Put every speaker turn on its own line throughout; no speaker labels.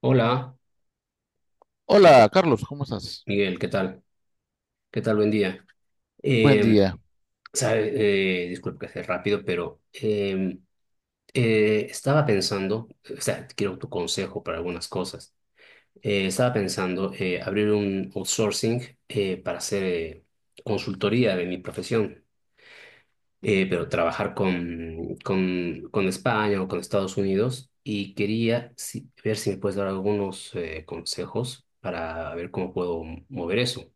Hola,
Hola,
Miguel,
Carlos, ¿cómo estás?
Miguel, ¿qué tal? ¿Qué tal? Buen día.
Buen
Eh,
día.
sabe, disculpe que sea rápido, pero estaba pensando, o sea, quiero tu consejo para algunas cosas. Estaba pensando abrir un outsourcing para hacer consultoría de mi profesión, pero trabajar con España o con Estados Unidos, y quería ver si me puedes dar algunos consejos para ver cómo puedo mover eso.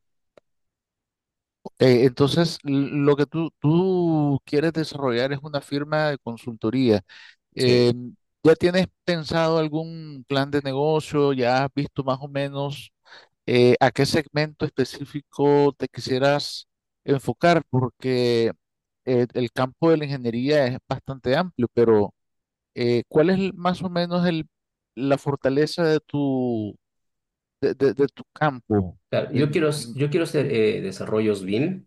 Entonces, lo que tú quieres desarrollar es una firma de consultoría.
Sí.
Eh, ¿Ya tienes pensado algún plan de negocio? ¿Ya has visto más o menos a qué segmento específico te quisieras enfocar? Porque el campo de la ingeniería es bastante amplio, pero ¿cuál es más o menos el, la fortaleza de tu campo?
Claro,
En
yo quiero hacer desarrollos BIM.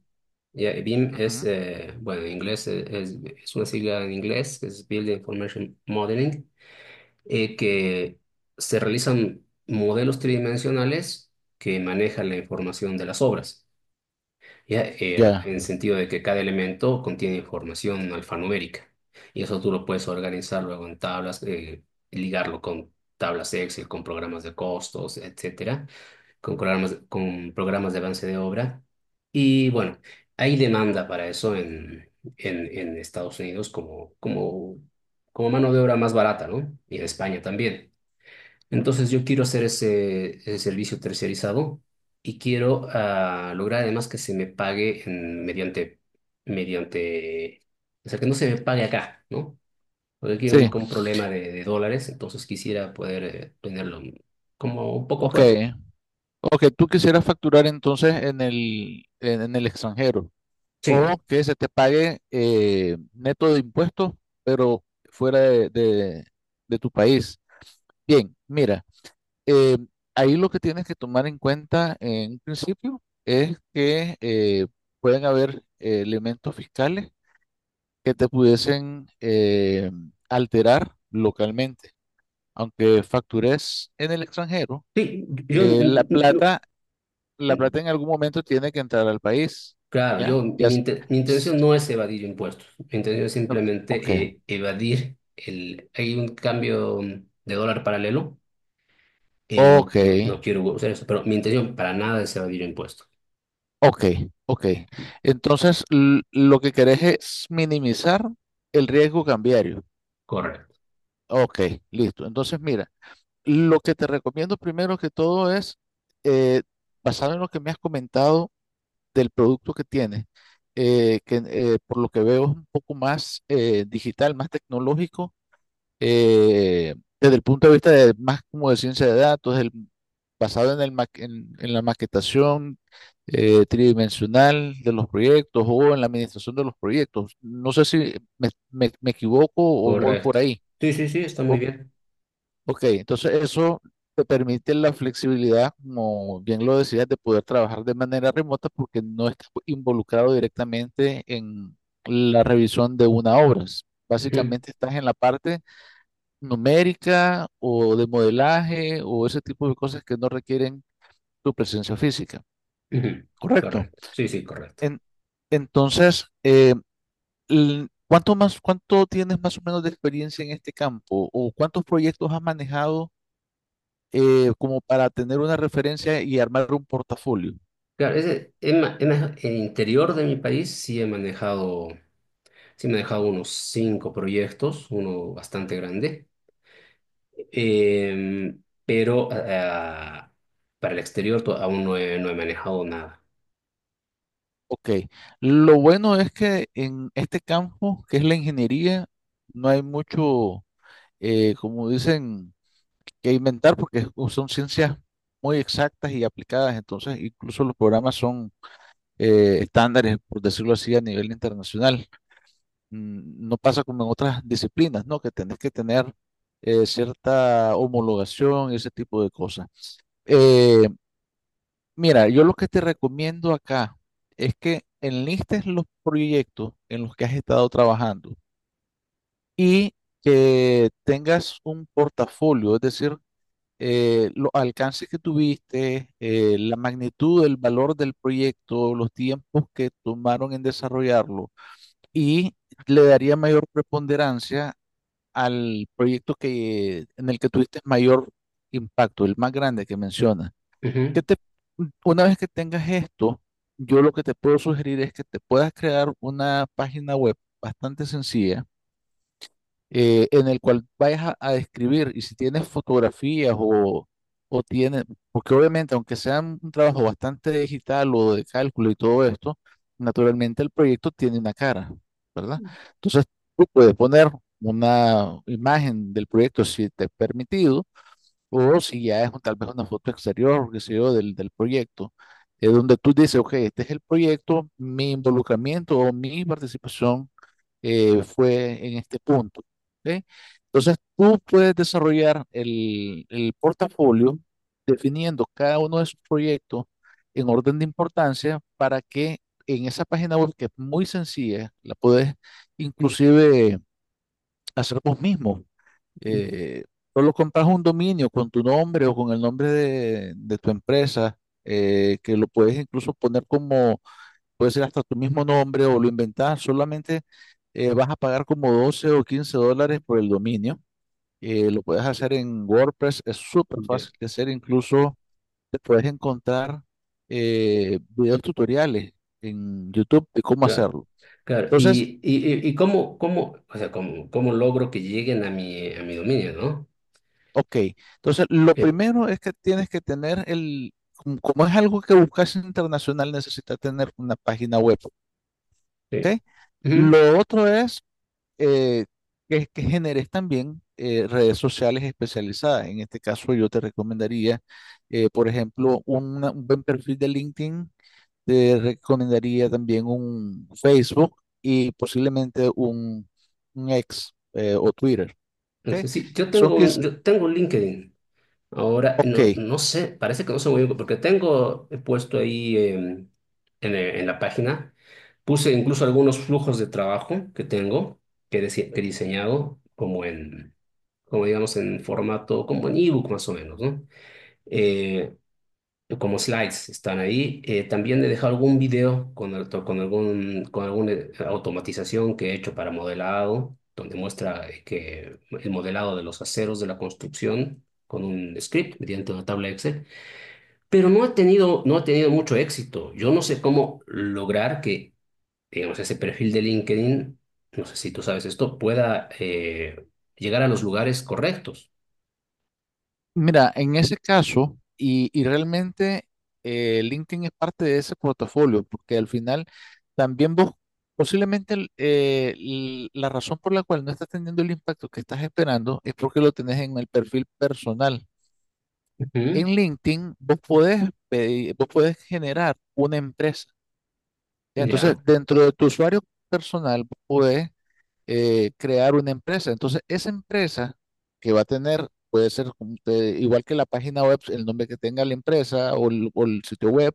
Ya, BIM es,
Ujú.
bueno, en inglés es una sigla en inglés, que es Building Information Modeling, que se realizan modelos tridimensionales que manejan la información de las obras, ya,
Ya.
en el sentido de que cada elemento contiene información alfanumérica. Y eso tú lo puedes organizar luego en tablas, ligarlo con tablas Excel, con programas de costos, etcétera, con programas de avance de obra. Y bueno, hay demanda para eso en, en Estados Unidos, como, como mano de obra más barata, ¿no? Y en España también. Entonces yo quiero hacer ese servicio terciarizado, y quiero lograr además que se me pague mediante, mediante, o sea, que no se me pague acá, ¿no? Porque aquí hay
Sí.
un problema de dólares, entonces quisiera poder tenerlo como un poco
Ok.
afuera.
Ok, tú quisieras facturar entonces en el extranjero o
Sí.
que se te pague neto de impuestos, pero fuera de tu país. Bien, mira, eh, ahí lo que tienes que tomar en cuenta en un principio es que pueden haber elementos fiscales que te pudiesen alterar localmente. Aunque factures en el extranjero.
Sí, yo,
Eh, la plata, la
n-
plata en algún momento tiene que entrar al país.
claro,
¿Ya?
yo,
Ya.
mi
S-
intención no es evadir impuestos, mi intención es
Ok,
simplemente evadir el, hay un cambio de dólar paralelo, no,
ok,
no, no quiero usar eso, pero mi intención para nada es evadir impuestos.
ok, ok. Ok. Entonces, lo que querés es minimizar el riesgo cambiario.
Correcto,
Ok, listo. Entonces, mira, lo que te recomiendo primero que todo es, eh, basado en lo que me has comentado del producto que tienes, que por lo que veo es un poco más digital, más tecnológico desde el punto de vista de más como de ciencia de datos, basado en, en la maquetación tridimensional de los proyectos o en la administración de los proyectos. No sé si me equivoco o voy por
correcto.
ahí.
Sí, sí, sí, está muy
O-
bien.
ok, entonces eso te permite la flexibilidad, como bien lo decías, de poder trabajar de manera remota porque no estás involucrado directamente en la revisión de una obra.
Ujú,
Básicamente estás en la parte numérica o de modelaje o ese tipo de cosas que no requieren tu presencia física.
ujú,
Correcto.
correcto, sí, sí, correcto.
En- entonces, ¿cuánto más, cuánto tienes más o menos de experiencia en este campo o cuántos proyectos has manejado como para tener una referencia y armar un portafolio?
Claro, ese, en, ma- en la- el interior de mi país sí he manejado, unos cinco proyectos, uno bastante grande. Pero para el exterior, aún no he manejado nada.
Ok, lo bueno es que en este campo, que es la ingeniería, no hay mucho, como dicen, que inventar porque son ciencias muy exactas y aplicadas, entonces incluso los programas son estándares, por decirlo así, a nivel internacional. No pasa como en otras disciplinas, ¿no? Que tenés que tener cierta homologación y ese tipo de cosas. Eh, Mira, yo lo que te recomiendo acá es que enlistes los proyectos en los que has estado trabajando y que tengas un portafolio, es decir, los alcances que tuviste, la magnitud, el valor del proyecto, los tiempos que tomaron en desarrollarlo y le daría mayor preponderancia al proyecto que, en el que tuviste mayor impacto, el más grande que mencionas. ¿Qué
Ujú.
te, una vez que tengas esto, yo lo que te puedo sugerir es que te puedas crear una página web bastante sencilla en el cual vayas a describir y si tienes fotografías o tienes, porque obviamente aunque sea un trabajo bastante digital o de cálculo y todo esto, naturalmente el proyecto tiene una cara, ¿verdad? Entonces tú puedes poner una imagen del proyecto si te es permitido o si ya es tal vez una foto exterior, qué sé yo, del proyecto. Es donde tú dices, ok, este es el proyecto, mi involucramiento o mi participación fue en este punto. ¿Ok? Entonces, tú puedes desarrollar el portafolio definiendo cada uno de sus proyectos en orden de importancia para que en esa página web, que es muy sencilla, la puedes inclusive hacer vos mismo. Eh, Solo compras un dominio con tu nombre o con el nombre de tu empresa, que lo puedes incluso poner como puede ser hasta tu mismo nombre o lo inventás, solamente vas a pagar como $12 o $15 por el dominio. Lo puedes hacer en WordPress, es súper
Ya,
fácil de hacer, incluso te puedes encontrar videos tutoriales en YouTube de cómo
claro,
hacerlo.
claro.
Entonces,
¿Cómo, o sea, cómo logro que lleguen a a mi dominio, ¿no?
ok, entonces lo
Eh,
primero es que tienes que tener el, como es algo que buscas internacional, necesitas tener una página web,
Sí.
¿ok?
Ujú.
Lo otro es eh, que generes también redes sociales especializadas. En este caso, yo te recomendaría, por ejemplo, un buen perfil de LinkedIn, te recomendaría también un Facebook y posiblemente un X o Twitter. ¿Ok?
Entonces, sí,
Son que es,
yo tengo un LinkedIn. Ahora,
ok.
no, no sé, parece que no sé muy bien, porque tengo, he puesto ahí en la página, puse incluso algunos flujos de trabajo que tengo, que he diseñado, como digamos, en formato, como en ebook más o menos, ¿no? Eh, Como slides están ahí. También he dejado algún video con algún, con alguna automatización que he hecho para modelado, donde muestra que el modelado de los aceros de la construcción con un script mediante una tabla Excel, pero no ha tenido mucho éxito. Yo no sé cómo lograr que, digamos, ese perfil de LinkedIn, no sé si tú sabes esto, pueda llegar a los lugares correctos.
Mira, en ese caso, y realmente LinkedIn es parte de ese portafolio, porque al final también vos, posiblemente la razón por la cual no estás teniendo el impacto que estás esperando es porque lo tenés en el perfil personal. En
Ujú.
LinkedIn, vos podés generar una empresa.
Ya.
Entonces, dentro de tu usuario personal, vos podés crear una empresa. Entonces, esa empresa que va a tener, puede ser como igual que la página web, el nombre que tenga la empresa o el sitio web,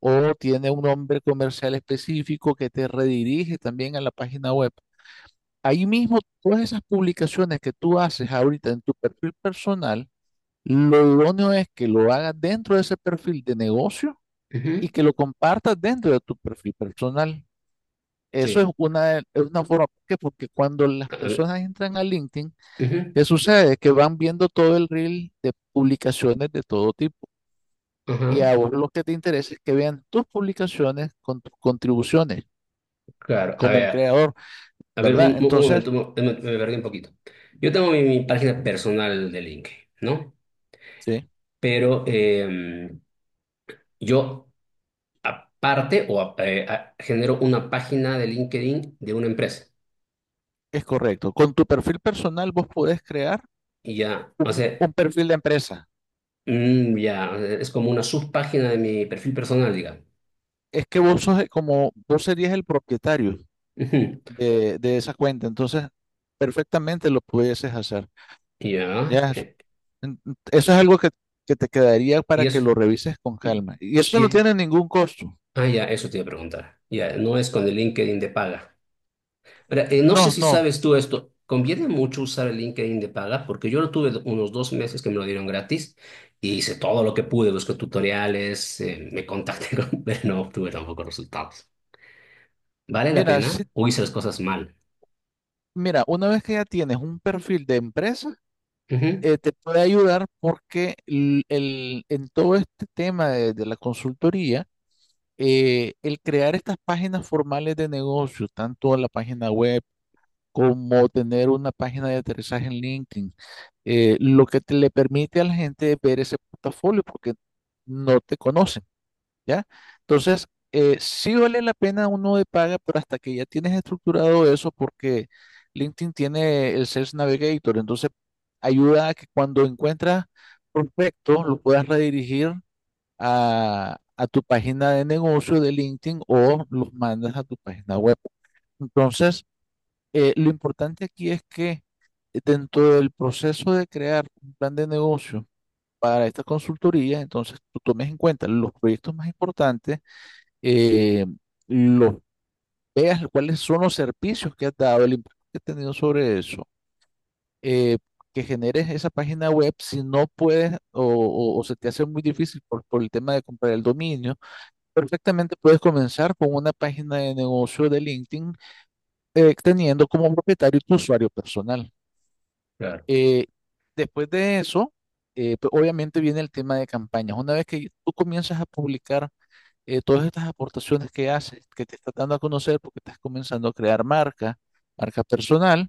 o tiene un nombre comercial específico que te redirige también a la página web. Ahí mismo, todas esas publicaciones que tú haces ahorita en tu perfil personal, lo idóneo es que lo hagas dentro de ese perfil de negocio y
Ujú.
que lo compartas dentro de tu perfil personal. Eso es
Sí.
una forma, ¿por qué? Porque cuando las
A ver,
personas entran a LinkedIn,
ujú,
¿qué sucede? Que van viendo todo el reel de publicaciones de todo tipo. Y
ajá.
a vos lo que te interesa es que vean tus publicaciones con tus contribuciones
Claro.
como un creador,
A ver,
¿verdad?
un
Entonces,
momento, me perdí un poquito. Yo tengo mi página personal de LinkedIn, ¿no?
sí,
Pero yo, aparte, genero una página de LinkedIn de una empresa.
es correcto. Con tu perfil personal vos podés crear
Y ya, o sea,
un perfil de empresa.
ya, o sea, es como una subpágina de mi perfil personal, digamos.
Es que vos sos como, vos serías el propietario
Ujú.
de esa cuenta. Entonces, perfectamente lo pudieses hacer.
Ya.
Ya. En- Eso es algo que te quedaría
Y
para que
es...
lo revises con calma. Y eso no
y-
tiene ningún costo.
ya, eso te iba a preguntar. Ya, no es con el LinkedIn de paga. Ahora, no sé
No,
si
no.
sabes tú esto. Conviene mucho usar el LinkedIn de paga, porque yo lo tuve unos 2 meses que me lo dieron gratis, y hice todo lo que pude, busqué tutoriales, me contacté con, pero no obtuve tampoco resultados. ¿Vale la
Mira, sí,
pena o hice las cosas mal?
mira, una vez que ya tienes un perfil de empresa,
Ujú,
te puede ayudar porque en todo este tema de la consultoría, el crear estas páginas formales de negocio, tanto la página web como tener una página de aterrizaje en LinkedIn, lo que te le permite a la gente ver ese portafolio porque no te conocen. ¿Ya? Entonces, sí vale la pena uno de paga, pero hasta que ya tienes estructurado eso, porque LinkedIn tiene el Sales Navigator, entonces ayuda a que cuando encuentras prospecto lo puedas redirigir a tu página de negocio de LinkedIn o los mandas a tu página web. Entonces, lo importante aquí es que dentro del proceso de crear un plan de negocio para esta consultoría, entonces tú tomes en cuenta los proyectos más importantes eh, los veas cuáles son los servicios que has dado, el impacto que has tenido sobre eso, eh, que generes esa página web si no puedes o se te hace muy difícil por el tema de comprar el dominio, perfectamente puedes comenzar con una página de negocio de LinkedIn teniendo como propietario tu usuario personal.
claro,
Eh, Después de eso, pues, obviamente viene el tema de campañas. Una vez que tú comienzas a publicar todas estas aportaciones que haces, que te estás dando a conocer porque estás comenzando a crear marca, marca personal,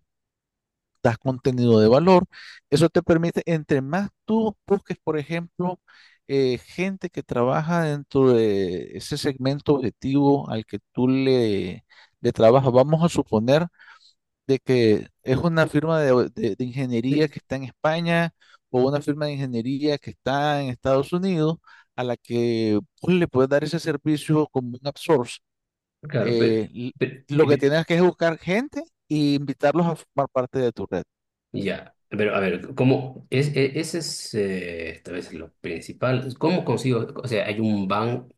das contenido de valor. Eso te permite, entre más tú busques, por ejemplo, gente que trabaja dentro de ese segmento objetivo al que tú le trabajas, vamos a suponer de que es una firma de ingeniería
sí,
que está en España o una firma de ingeniería que está en Estados Unidos a la que pues, le puedes dar ese servicio como un outsource.
claro, pero,
Eh, l-
pero-
lo que
pero-
tienes que es buscar gente e invitarlos a formar parte de tu red.
ya, pero a ver, ¿cómo? Ese es tal vez lo principal. ¿Cómo consigo? O sea, hay un banco,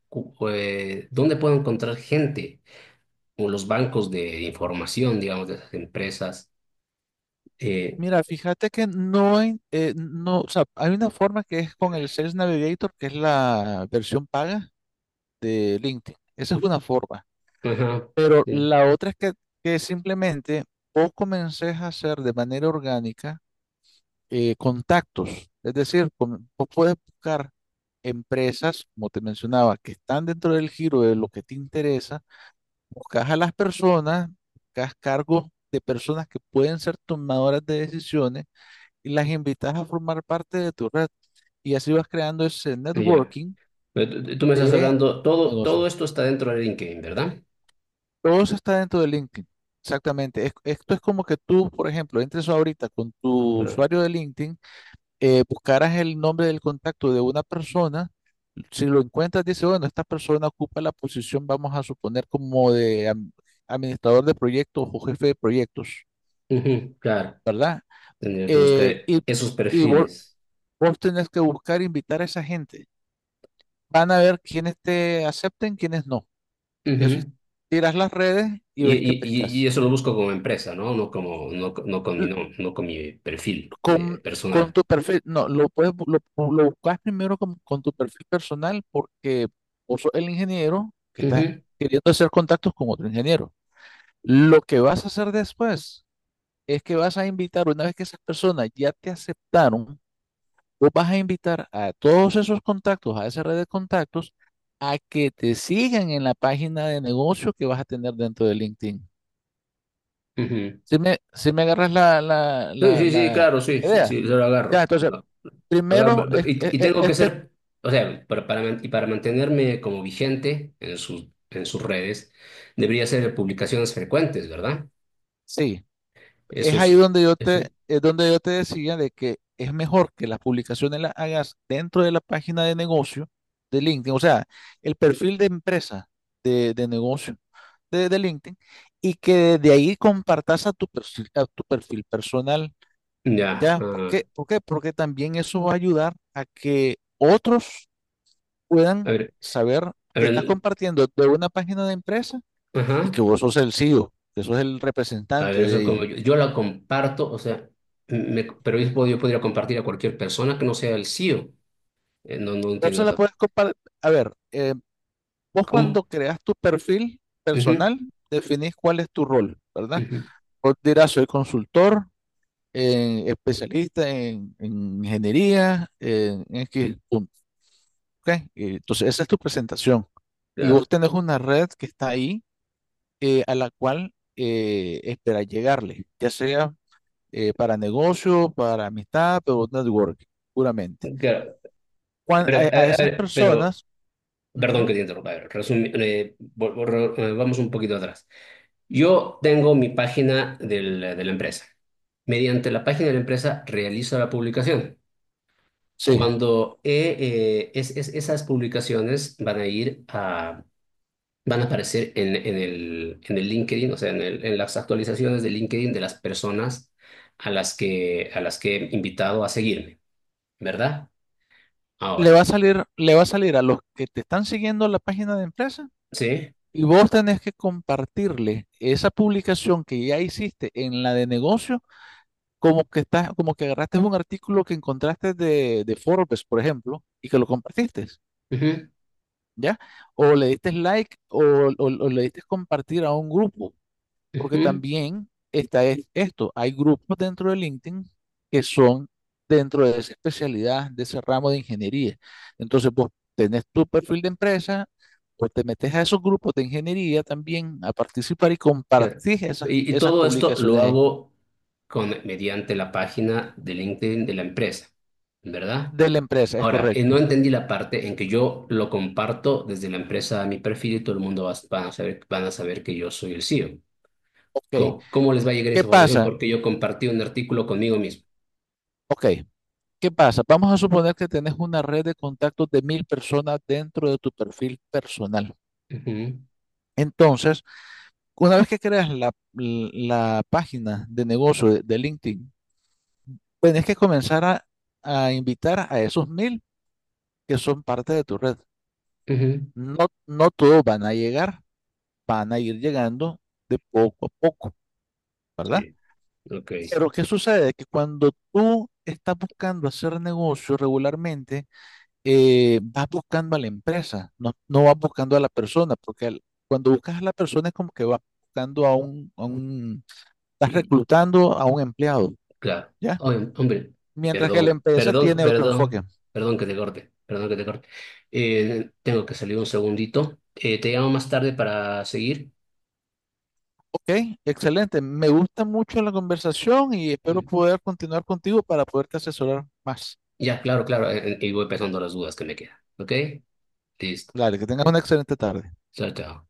¿dónde puedo encontrar gente? O los bancos de información, digamos, de esas empresas. Eh,
Mira, fíjate que no hay, no, o sea, hay una forma que es con el Sales Navigator, que es la versión paga de LinkedIn. Esa es una forma.
ajá,
Pero
ya,
la otra es que simplemente vos comences a hacer de manera orgánica contactos. Es decir, vos puedes buscar empresas, como te mencionaba, que están dentro del giro de lo que te interesa. Buscas a las personas, buscas cargos de personas que pueden ser tomadoras de decisiones y las invitas a formar parte de tu red. Y así vas creando ese
ya.
networking
Tú me estás
de
hablando,
negocios.
todo esto está dentro de LinkedIn, ¿verdad?
Todo eso está dentro de LinkedIn. Exactamente. Esto es como que tú, por ejemplo, entres ahorita con tu
Claro.
usuario de LinkedIn, buscaras el nombre del contacto de una persona. Si lo encuentras, dice, bueno, esta persona ocupa la posición, vamos a suponer, como de administrador de proyectos o jefe de proyectos,
Ujú, claro,
¿verdad?
tendría que buscar
Eh, y
esos
y vos,
perfiles.
vos tenés que buscar e invitar a esa gente. Van a ver quiénes te acepten, quiénes no. Eso es,
Ujú.
tiras las redes y ves qué pescas.
¿Eso lo busco como empresa, ¿no? No como, no, co- No con mi, no no, con mi perfil de
con, con
personal.
tu perfil, no, lo puedes, bu- lo buscas primero con tu perfil personal porque vos sos el ingeniero que está
Ujú,
queriendo hacer contactos con otro ingeniero. Lo que vas a hacer después es que vas a invitar, una vez que esas personas ya te aceptaron, vos vas a invitar a todos esos contactos, a esa red de contactos, a que te sigan en la página de negocio que vas a tener dentro de LinkedIn.
ujú.
Si me agarras la, la,
Sí,
la,
sí, sí,
la
claro, sí, sí,
idea.
sí, yo lo
Ya,
agarro.
entonces
Claro,
primero,
y tengo que ser, o sea, y para mantenerme como vigente en en sus redes, debería ser publicaciones frecuentes, ¿verdad?
sí,
Eso es, eso,
es donde yo te decía de que es mejor que las publicaciones las hagas dentro de la página de negocio de LinkedIn, o sea, el perfil de empresa de negocio de LinkedIn y que de ahí compartas a tu perfil personal,
ya,
¿ya? ¿Por qué? ¿Por qué? Porque también eso va a ayudar a que otros
a
puedan
ver,
saber
a
que estás
ver,
compartiendo de una página de empresa y
ajá,
que vos sos el CEO que sos el
a
representante
ver,
de
eso,
ella.
yo la comparto, o sea, pero yo, yo podría compartir a cualquier persona que no sea el CEO. No, no entiendo
Entonces la
esa
puedes
parte.
comparar. A ver, vos
¿Cómo?
cuando creas tu perfil
Ujú,
personal, definís cuál es tu rol, ¿verdad?
ujú,
Vos dirás, soy consultor, especialista en ingeniería, en X punto, ¿ok? Entonces, esa es tu presentación. Y vos
claro,
tenés una red que está ahí a la cual esperas llegarle, ya sea para negocio, para amistad, pero network, puramente.
claro.
cuan-
Pero,
a, a
a
esas
ver, pero
personas,
perdón que
ujú,
te interrumpa. Vamos un poquito atrás. Yo tengo mi página de la empresa. Mediante la página de la empresa realizo la publicación.
sí,
Cuando esas publicaciones van a aparecer en, en el LinkedIn, o sea, en las actualizaciones de LinkedIn de las personas, a las que he invitado a seguirme, ¿verdad?
le
Ahora,
va a salir, le va a salir a los que te están siguiendo la página de empresa
¿sí?
y vos tenés que compartirle esa publicación que ya hiciste en la de negocio, como que estás, como que agarraste un artículo que encontraste de Forbes, por ejemplo, y que lo compartiste,
Ujú,
¿ya? O le diste like o le diste compartir a un grupo. Porque
ujú.
también está esto, hay grupos dentro de LinkedIn que son dentro de esa especialidad, de ese ramo de ingeniería. Entonces, vos tenés tu perfil de empresa, pues te metes a esos grupos de ingeniería también a participar y
Claro.
compartís esas,
Y
esas
todo esto lo
publicaciones ahí
hago mediante la página de LinkedIn de la empresa, ¿verdad?
de la empresa, es
Ahora, no
correcto.
entendí la parte en que yo lo comparto desde la empresa a mi perfil, y todo el mundo va, van a saber que yo soy el CEO.
Ok,
¿Cómo les va a llegar
¿qué
esa información?
pasa?
Porque yo compartí un artículo conmigo mismo.
Ok, ¿qué pasa? Vamos a suponer que tenés una red de contactos de 1.000 personas dentro de tu perfil personal.
Ujú,
Entonces, una vez que creas la página de negocio de LinkedIn, tienes que comenzar a invitar a esos 1.000 que son parte de tu red.
ujú.
No, no todos van a llegar, van a ir llegando de poco a poco, ¿verdad?
Sí. Ok.
Pero ¿qué sucede? Que cuando tú estás buscando hacer negocio regularmente, vas buscando a la empresa, no, no vas buscando a la persona, porque cuando buscas a la persona es como que vas buscando estás
Y,
reclutando a un empleado,
Claro.
¿ya?
Oye, hombre,
Mientras que la
perdón,
empresa
perdón,
tiene otro enfoque.
perdón, perdón que te corte, perdón que te corte. Tengo que salir un segundito. Te llamo más tarde para seguir.
Ok, excelente. Me gusta mucho la conversación y espero
Mm,
poder continuar contigo para poderte asesorar más.
Ya, claro, claro, y voy pensando las dudas que me quedan. ¿Ok? Listo.
Dale, que tengas una excelente tarde.
Chao, chao.